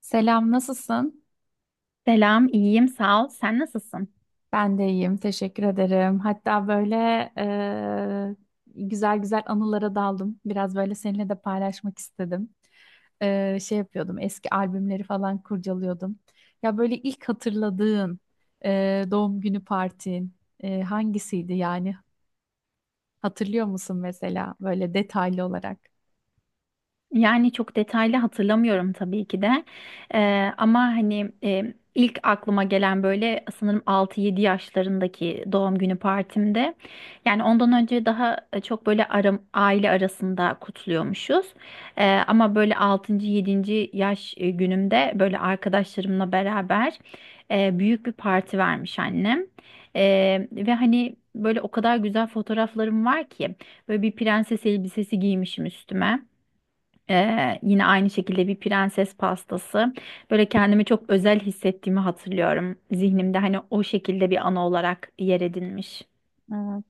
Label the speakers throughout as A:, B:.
A: Selam, nasılsın?
B: Selam, iyiyim, sağ ol. Sen nasılsın?
A: Ben de iyiyim, teşekkür ederim. Hatta böyle e, güzel güzel anılara daldım. Biraz böyle seninle de paylaşmak istedim. Şey yapıyordum, eski albümleri falan kurcalıyordum. Ya böyle ilk hatırladığın doğum günü partin hangisiydi yani? Hatırlıyor musun mesela böyle detaylı olarak?
B: Yani çok detaylı hatırlamıyorum tabii ki de. Ama hani ilk aklıma gelen böyle sanırım 6-7 yaşlarındaki doğum günü partimde. Yani ondan önce daha çok böyle aile arasında kutluyormuşuz. Ama böyle 6. 7. yaş günümde böyle arkadaşlarımla beraber büyük bir parti vermiş annem. Ve hani böyle o kadar güzel fotoğraflarım var ki böyle bir prenses elbisesi giymişim üstüme. Yine aynı şekilde bir prenses pastası. Böyle kendimi çok özel hissettiğimi hatırlıyorum. Zihnimde hani o şekilde bir anı olarak yer edinmiş.
A: Evet.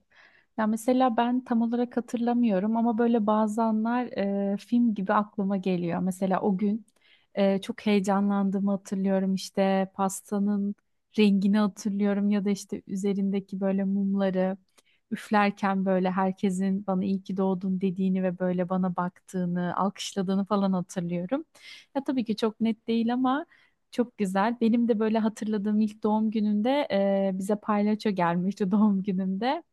A: Ya mesela ben tam olarak hatırlamıyorum ama böyle bazı anlar film gibi aklıma geliyor. Mesela o gün çok heyecanlandığımı hatırlıyorum. İşte pastanın rengini hatırlıyorum ya da işte üzerindeki böyle mumları üflerken böyle herkesin bana iyi ki doğdun dediğini ve böyle bana baktığını, alkışladığını falan hatırlıyorum. Ya tabii ki çok net değil ama çok güzel. Benim de böyle hatırladığım ilk doğum gününde bize palyaço gelmişti doğum günümde.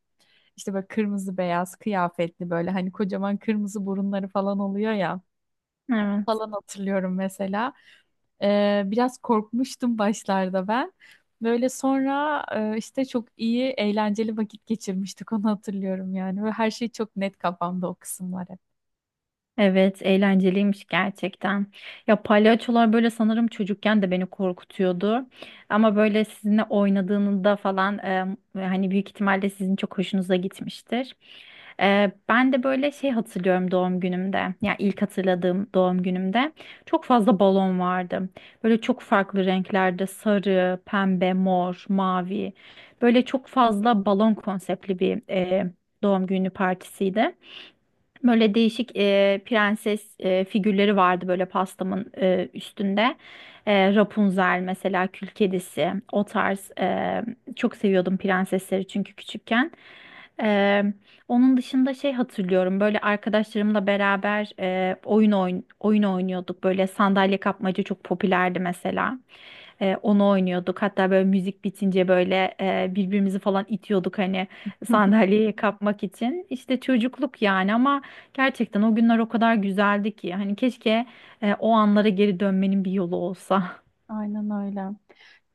A: İşte böyle kırmızı beyaz kıyafetli böyle hani kocaman kırmızı burunları falan oluyor ya
B: Evet.
A: falan hatırlıyorum mesela. Biraz korkmuştum başlarda ben. Böyle sonra işte çok iyi eğlenceli vakit geçirmiştik, onu hatırlıyorum yani. Ve her şey çok net kafamda, o kısımlar hep.
B: Evet, eğlenceliymiş gerçekten. Ya palyaçolar böyle sanırım çocukken de beni korkutuyordu. Ama böyle sizinle oynadığında falan hani büyük ihtimalle sizin çok hoşunuza gitmiştir. Ben de böyle şey hatırlıyorum doğum günümde. Yani ilk hatırladığım doğum günümde çok fazla balon vardı. Böyle çok farklı renklerde sarı, pembe, mor, mavi. Böyle çok fazla balon konseptli bir doğum günü partisiydi. Böyle değişik prenses figürleri vardı böyle pastamın üstünde. Rapunzel mesela Kül Kedisi o tarz çok seviyordum prensesleri çünkü küçükken. E, Onun dışında şey hatırlıyorum böyle arkadaşlarımla beraber oyun oynuyorduk. Böyle sandalye kapmaca çok popülerdi mesela. Onu oynuyorduk. Hatta böyle müzik bitince böyle birbirimizi falan itiyorduk hani sandalyeye kapmak için. İşte çocukluk yani ama gerçekten o günler o kadar güzeldi ki. Hani keşke o anlara geri dönmenin bir yolu olsa.
A: Aynen öyle.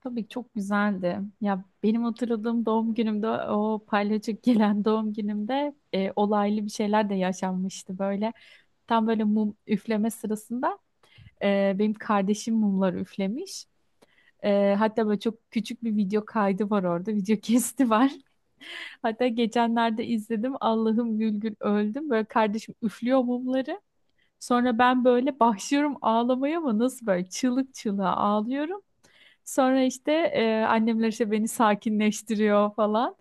A: Tabii ki çok güzeldi. Ya benim hatırladığım doğum günümde, o palyaço gelen doğum günümde, olaylı bir şeyler de yaşanmıştı böyle. Tam böyle mum üfleme sırasında benim kardeşim mumları üflemiş. Hatta böyle çok küçük bir video kaydı var orada. Video kesti var. Hatta geçenlerde izledim. Allah'ım gül gül öldüm. Böyle kardeşim üflüyor mumları. Sonra ben böyle başlıyorum ağlamaya ama nasıl böyle çığlık çığlığa ağlıyorum. Sonra işte annemler işte beni sakinleştiriyor falan.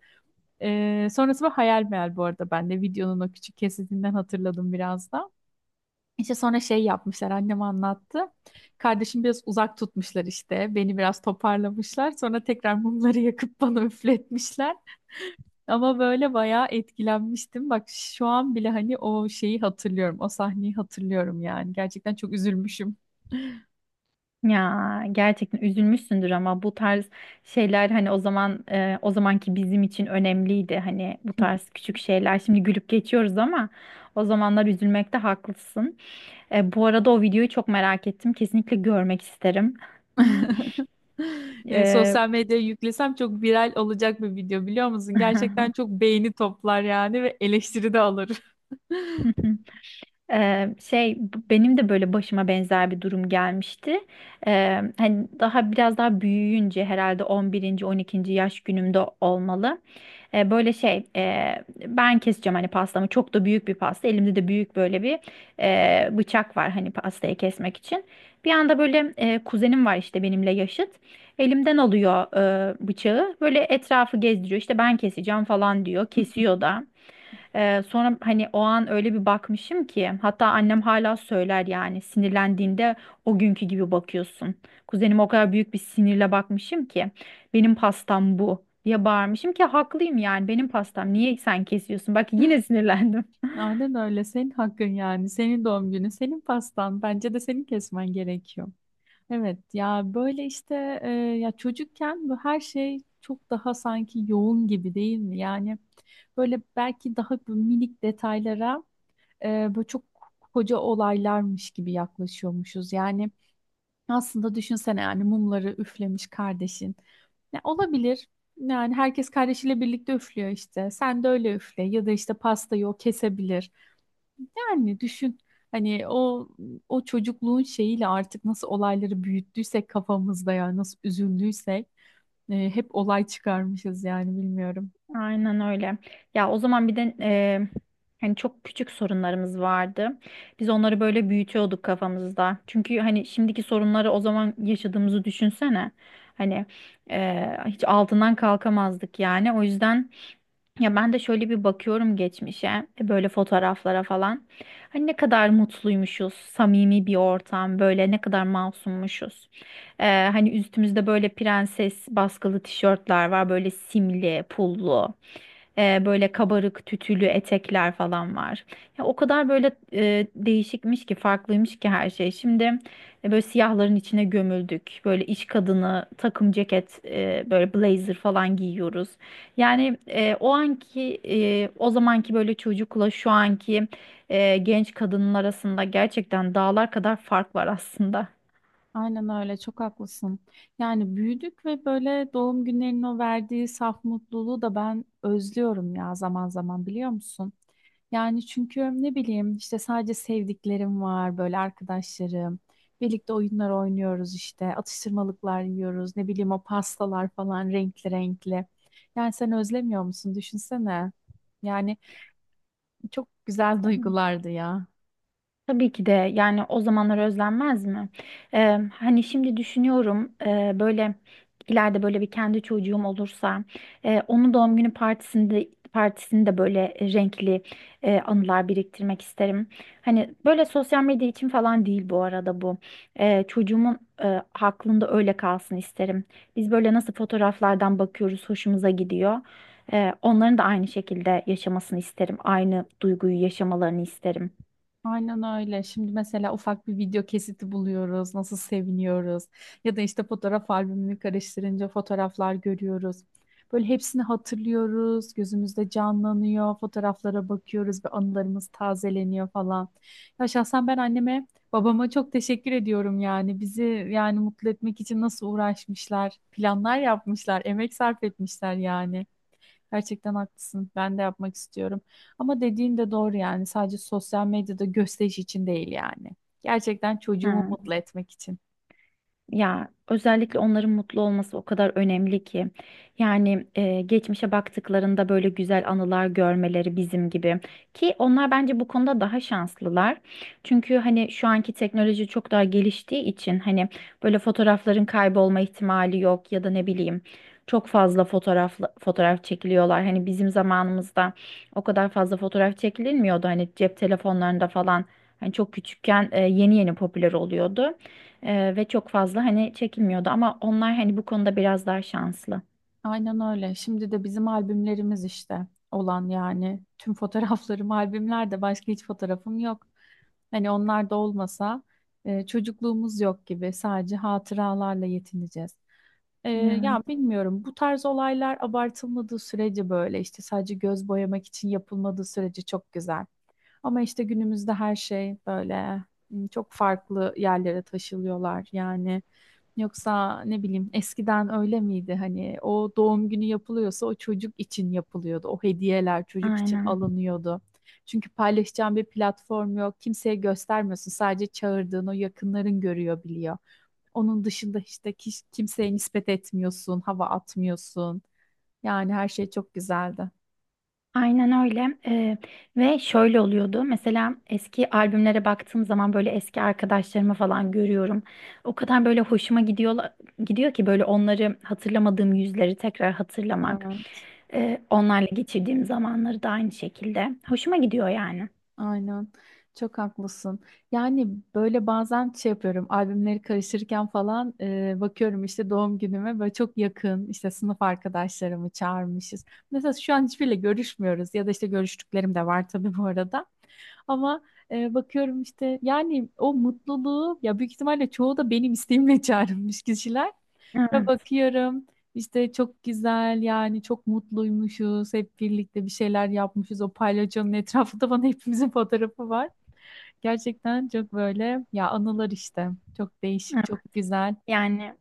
A: Sonrası bu hayal meyal, bu arada ben de videonun o küçük kesitinden hatırladım biraz da. İşte sonra şey yapmışlar, annem anlattı. Kardeşim biraz uzak tutmuşlar işte. Beni biraz toparlamışlar. Sonra tekrar mumları yakıp bana üfletmişler. Ama böyle bayağı etkilenmiştim. Bak şu an bile hani o şeyi hatırlıyorum. O sahneyi hatırlıyorum yani. Gerçekten çok üzülmüşüm.
B: Ya gerçekten üzülmüşsündür ama bu tarz şeyler hani o zaman o zamanki bizim için önemliydi. Hani bu tarz küçük şeyler. Şimdi gülüp geçiyoruz ama o zamanlar üzülmekte haklısın. Bu arada o videoyu çok merak ettim. Kesinlikle görmek isterim. Ee,
A: Sosyal medyaya yüklesem çok viral olacak bir video, biliyor musun? Gerçekten çok beğeni toplar yani ve eleştiri de alır.
B: Şey benim de böyle başıma benzer bir durum gelmişti. Hani daha biraz daha büyüyünce herhalde 11., 12. yaş günümde olmalı. Böyle şey ben keseceğim hani pastamı çok da büyük bir pasta. Elimde de büyük böyle bir bıçak var hani pastayı kesmek için. Bir anda böyle kuzenim var işte benimle yaşıt. Elimden alıyor bıçağı. Böyle etrafı gezdiriyor. İşte ben keseceğim falan diyor. Kesiyor da. Sonra hani o an öyle bir bakmışım ki hatta annem hala söyler yani sinirlendiğinde o günkü gibi bakıyorsun. Kuzenime o kadar büyük bir sinirle bakmışım ki benim pastam bu diye bağırmışım ki haklıyım yani benim pastam niye sen kesiyorsun? Bak yine sinirlendim.
A: Aynen öyle. Senin hakkın yani. Senin doğum günü, senin pastan. Bence de senin kesmen gerekiyor. Evet ya, böyle işte ya çocukken bu her şey çok daha sanki yoğun gibi değil mi? Yani böyle belki daha bu minik detaylara böyle çok koca olaylarmış gibi yaklaşıyormuşuz. Yani aslında düşünsene, yani mumları üflemiş kardeşin. Ya olabilir. Yani herkes kardeşiyle birlikte üflüyor işte. Sen de öyle üfle ya da işte pastayı o kesebilir. Yani düşün, hani o çocukluğun şeyiyle artık nasıl olayları büyüttüysek kafamızda, ya nasıl üzüldüysek hep olay çıkarmışız yani, bilmiyorum.
B: Aynen öyle. Ya o zaman bir de hani çok küçük sorunlarımız vardı. Biz onları böyle büyütüyorduk kafamızda. Çünkü hani şimdiki sorunları o zaman yaşadığımızı düşünsene. Hani hiç altından kalkamazdık yani. O yüzden. Ya ben de şöyle bir bakıyorum geçmişe, böyle fotoğraflara falan. Hani ne kadar mutluymuşuz, samimi bir ortam, böyle ne kadar masummuşuz. Hani üstümüzde böyle prenses baskılı tişörtler var, böyle simli, pullu, böyle kabarık tütülü etekler falan var. Ya o kadar böyle değişikmiş ki, farklıymış ki her şey. Şimdi böyle siyahların içine gömüldük, böyle iş kadını takım ceket, böyle blazer falan giyiyoruz. Yani o anki o zamanki böyle çocukla şu anki genç kadının arasında gerçekten dağlar kadar fark var aslında.
A: Aynen öyle, çok haklısın. Yani büyüdük ve böyle doğum günlerinin o verdiği saf mutluluğu da ben özlüyorum ya zaman zaman, biliyor musun? Yani çünkü ne bileyim işte sadece sevdiklerim var, böyle arkadaşlarım. Birlikte oyunlar oynuyoruz, işte atıştırmalıklar yiyoruz, ne bileyim o pastalar falan renkli renkli. Yani sen özlemiyor musun? Düşünsene. Yani çok güzel duygulardı ya.
B: Tabii ki de yani o zamanlar özlenmez mi? Hani şimdi düşünüyorum böyle ileride böyle bir kendi çocuğum olursa onun doğum günü partisinde böyle renkli anılar biriktirmek isterim. Hani böyle sosyal medya için falan değil bu arada bu. Çocuğumun aklında öyle kalsın isterim. Biz böyle nasıl fotoğraflardan bakıyoruz, hoşumuza gidiyor. Onların da aynı şekilde yaşamasını isterim. Aynı duyguyu yaşamalarını isterim.
A: Aynen öyle. Şimdi mesela ufak bir video kesiti buluyoruz, nasıl seviniyoruz. Ya da işte fotoğraf albümünü karıştırınca fotoğraflar görüyoruz. Böyle hepsini hatırlıyoruz, gözümüzde canlanıyor, fotoğraflara bakıyoruz ve anılarımız tazeleniyor falan. Ya şahsen ben anneme, babama çok teşekkür ediyorum yani. Bizi yani mutlu etmek için nasıl uğraşmışlar, planlar yapmışlar, emek sarf etmişler yani. Gerçekten haklısın. Ben de yapmak istiyorum. Ama dediğin de doğru yani. Sadece sosyal medyada gösteriş için değil yani. Gerçekten çocuğumu
B: Hı.
A: mutlu etmek için.
B: Ya özellikle onların mutlu olması o kadar önemli ki. Yani geçmişe baktıklarında böyle güzel anılar görmeleri bizim gibi. Ki onlar bence bu konuda daha şanslılar. Çünkü hani şu anki teknoloji çok daha geliştiği için hani böyle fotoğrafların kaybolma ihtimali yok ya da ne bileyim çok fazla fotoğraf çekiliyorlar. Hani bizim zamanımızda o kadar fazla fotoğraf çekilmiyordu. Hani cep telefonlarında falan hani çok küçükken yeni yeni popüler oluyordu. Ve çok fazla hani çekilmiyordu ama onlar hani bu konuda biraz daha şanslı.
A: Aynen öyle. Şimdi de bizim albümlerimiz işte olan yani. Tüm fotoğraflarım albümlerde. Başka hiç fotoğrafım yok. Hani onlar da olmasa çocukluğumuz yok gibi. Sadece hatıralarla yetineceğiz.
B: Evet,
A: Ya bilmiyorum. Bu tarz olaylar abartılmadığı sürece, böyle işte sadece göz boyamak için yapılmadığı sürece çok güzel. Ama işte günümüzde her şey böyle çok farklı yerlere taşılıyorlar yani. Yoksa ne bileyim, eskiden öyle miydi? Hani o doğum günü yapılıyorsa o çocuk için yapılıyordu. O hediyeler çocuk için
B: aynen.
A: alınıyordu. Çünkü paylaşacağın bir platform yok. Kimseye göstermiyorsun. Sadece çağırdığın o yakınların görüyor, biliyor. Onun dışında işte kimseye nispet etmiyorsun, hava atmıyorsun. Yani her şey çok güzeldi.
B: Aynen öyle. Ve şöyle oluyordu. Mesela eski albümlere baktığım zaman böyle eski arkadaşlarımı falan görüyorum. O kadar böyle hoşuma gidiyor ki böyle onları hatırlamadığım yüzleri tekrar hatırlamak.
A: Evet.
B: Onlarla geçirdiğim zamanları da aynı şekilde. Hoşuma gidiyor yani.
A: Aynen. Çok haklısın. Yani böyle bazen şey yapıyorum. Albümleri karışırken falan bakıyorum işte doğum günüme böyle çok yakın işte sınıf arkadaşlarımı çağırmışız. Mesela şu an hiçbiriyle görüşmüyoruz ya da işte görüştüklerim de var tabii bu arada. Ama bakıyorum işte yani o mutluluğu, ya büyük ihtimalle çoğu da benim isteğimle çağrılmış kişiler. Ve
B: Evet,
A: bakıyorum işte çok güzel yani, çok mutluymuşuz, hep birlikte bir şeyler yapmışız, o palyaçonun etrafında bana hepimizin fotoğrafı var. Gerçekten çok böyle ya, anılar işte çok değişik,
B: evet.
A: çok güzel.
B: Yani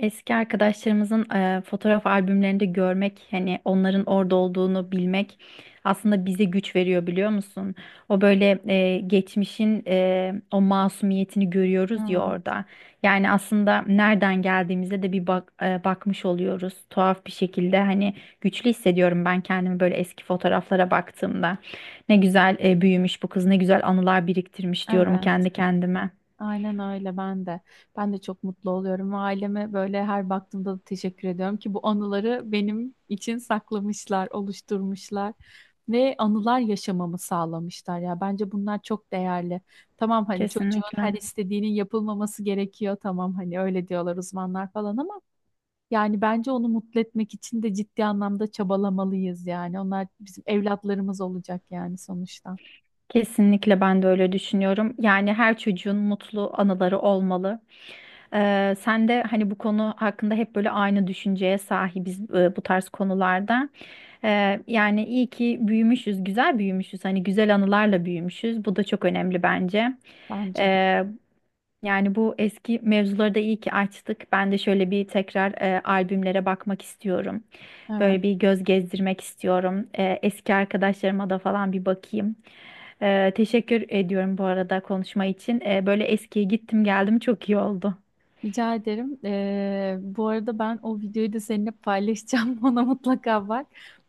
B: eski arkadaşlarımızın fotoğraf albümlerinde görmek, hani onların orada olduğunu bilmek aslında bize güç veriyor biliyor musun? O böyle geçmişin o masumiyetini görüyoruz ya
A: Ama
B: orada. Yani aslında nereden geldiğimize de bir bakmış oluyoruz. Tuhaf bir şekilde hani güçlü hissediyorum ben kendimi böyle eski fotoğraflara baktığımda. Ne güzel büyümüş bu kız, ne güzel anılar biriktirmiş diyorum
A: evet.
B: kendi kendime.
A: Aynen öyle, ben de. Ben de çok mutlu oluyorum ve aileme böyle her baktığımda da teşekkür ediyorum ki bu anıları benim için saklamışlar, oluşturmuşlar ve anılar yaşamamı sağlamışlar ya. Bence bunlar çok değerli. Tamam, hani çocuğun her
B: Kesinlikle.
A: istediğinin yapılmaması gerekiyor. Tamam, hani öyle diyorlar uzmanlar falan ama yani bence onu mutlu etmek için de ciddi anlamda çabalamalıyız yani. Onlar bizim evlatlarımız olacak yani sonuçta.
B: Kesinlikle ben de öyle düşünüyorum. Yani her çocuğun mutlu anıları olmalı. Sen de hani bu konu hakkında hep böyle aynı düşünceye sahibiz bu tarz konularda. Yani iyi ki büyümüşüz, güzel büyümüşüz. Hani güzel anılarla büyümüşüz. Bu da çok önemli bence.
A: Bence de.
B: Ee, Yani bu eski mevzuları da iyi ki açtık. Ben de şöyle bir tekrar albümlere bakmak istiyorum.
A: Evet.
B: Böyle bir göz gezdirmek istiyorum. Eski arkadaşlarıma da falan bir bakayım. Teşekkür ediyorum bu arada konuşma için. Böyle eskiye gittim geldim çok iyi oldu.
A: Rica ederim. Bu arada ben o videoyu da seninle paylaşacağım. Ona mutlaka bak.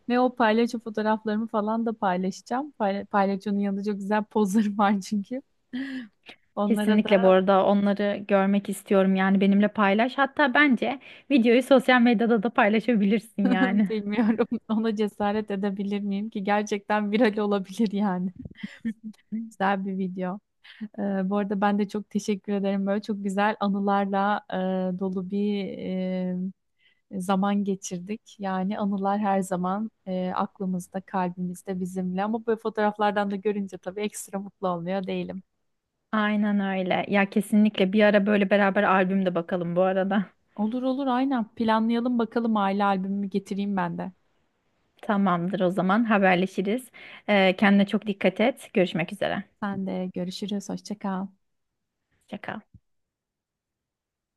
A: Ve o paylaşı fotoğraflarımı falan da paylaşacağım. Paylaşının yanında çok güzel pozlarım var çünkü. Onlara
B: Kesinlikle bu
A: da
B: arada onları görmek istiyorum yani benimle paylaş. Hatta bence videoyu sosyal medyada da paylaşabilirsin yani.
A: bilmiyorum, ona cesaret edebilir miyim ki? Gerçekten viral olabilir yani. Güzel bir video. Bu arada ben de çok teşekkür ederim. Böyle çok güzel anılarla dolu bir zaman geçirdik. Yani anılar her zaman aklımızda, kalbimizde, bizimle. Ama böyle fotoğraflardan da görünce tabii ekstra mutlu olmuyor değilim.
B: Aynen öyle. Ya kesinlikle bir ara böyle beraber albüm de bakalım bu arada.
A: Olur olur, aynen. Planlayalım bakalım, aile albümümü getireyim ben de.
B: Tamamdır o zaman haberleşiriz. Kendine çok dikkat et. Görüşmek üzere.
A: Sen de görüşürüz. Hoşça kal.
B: Hoşça kal.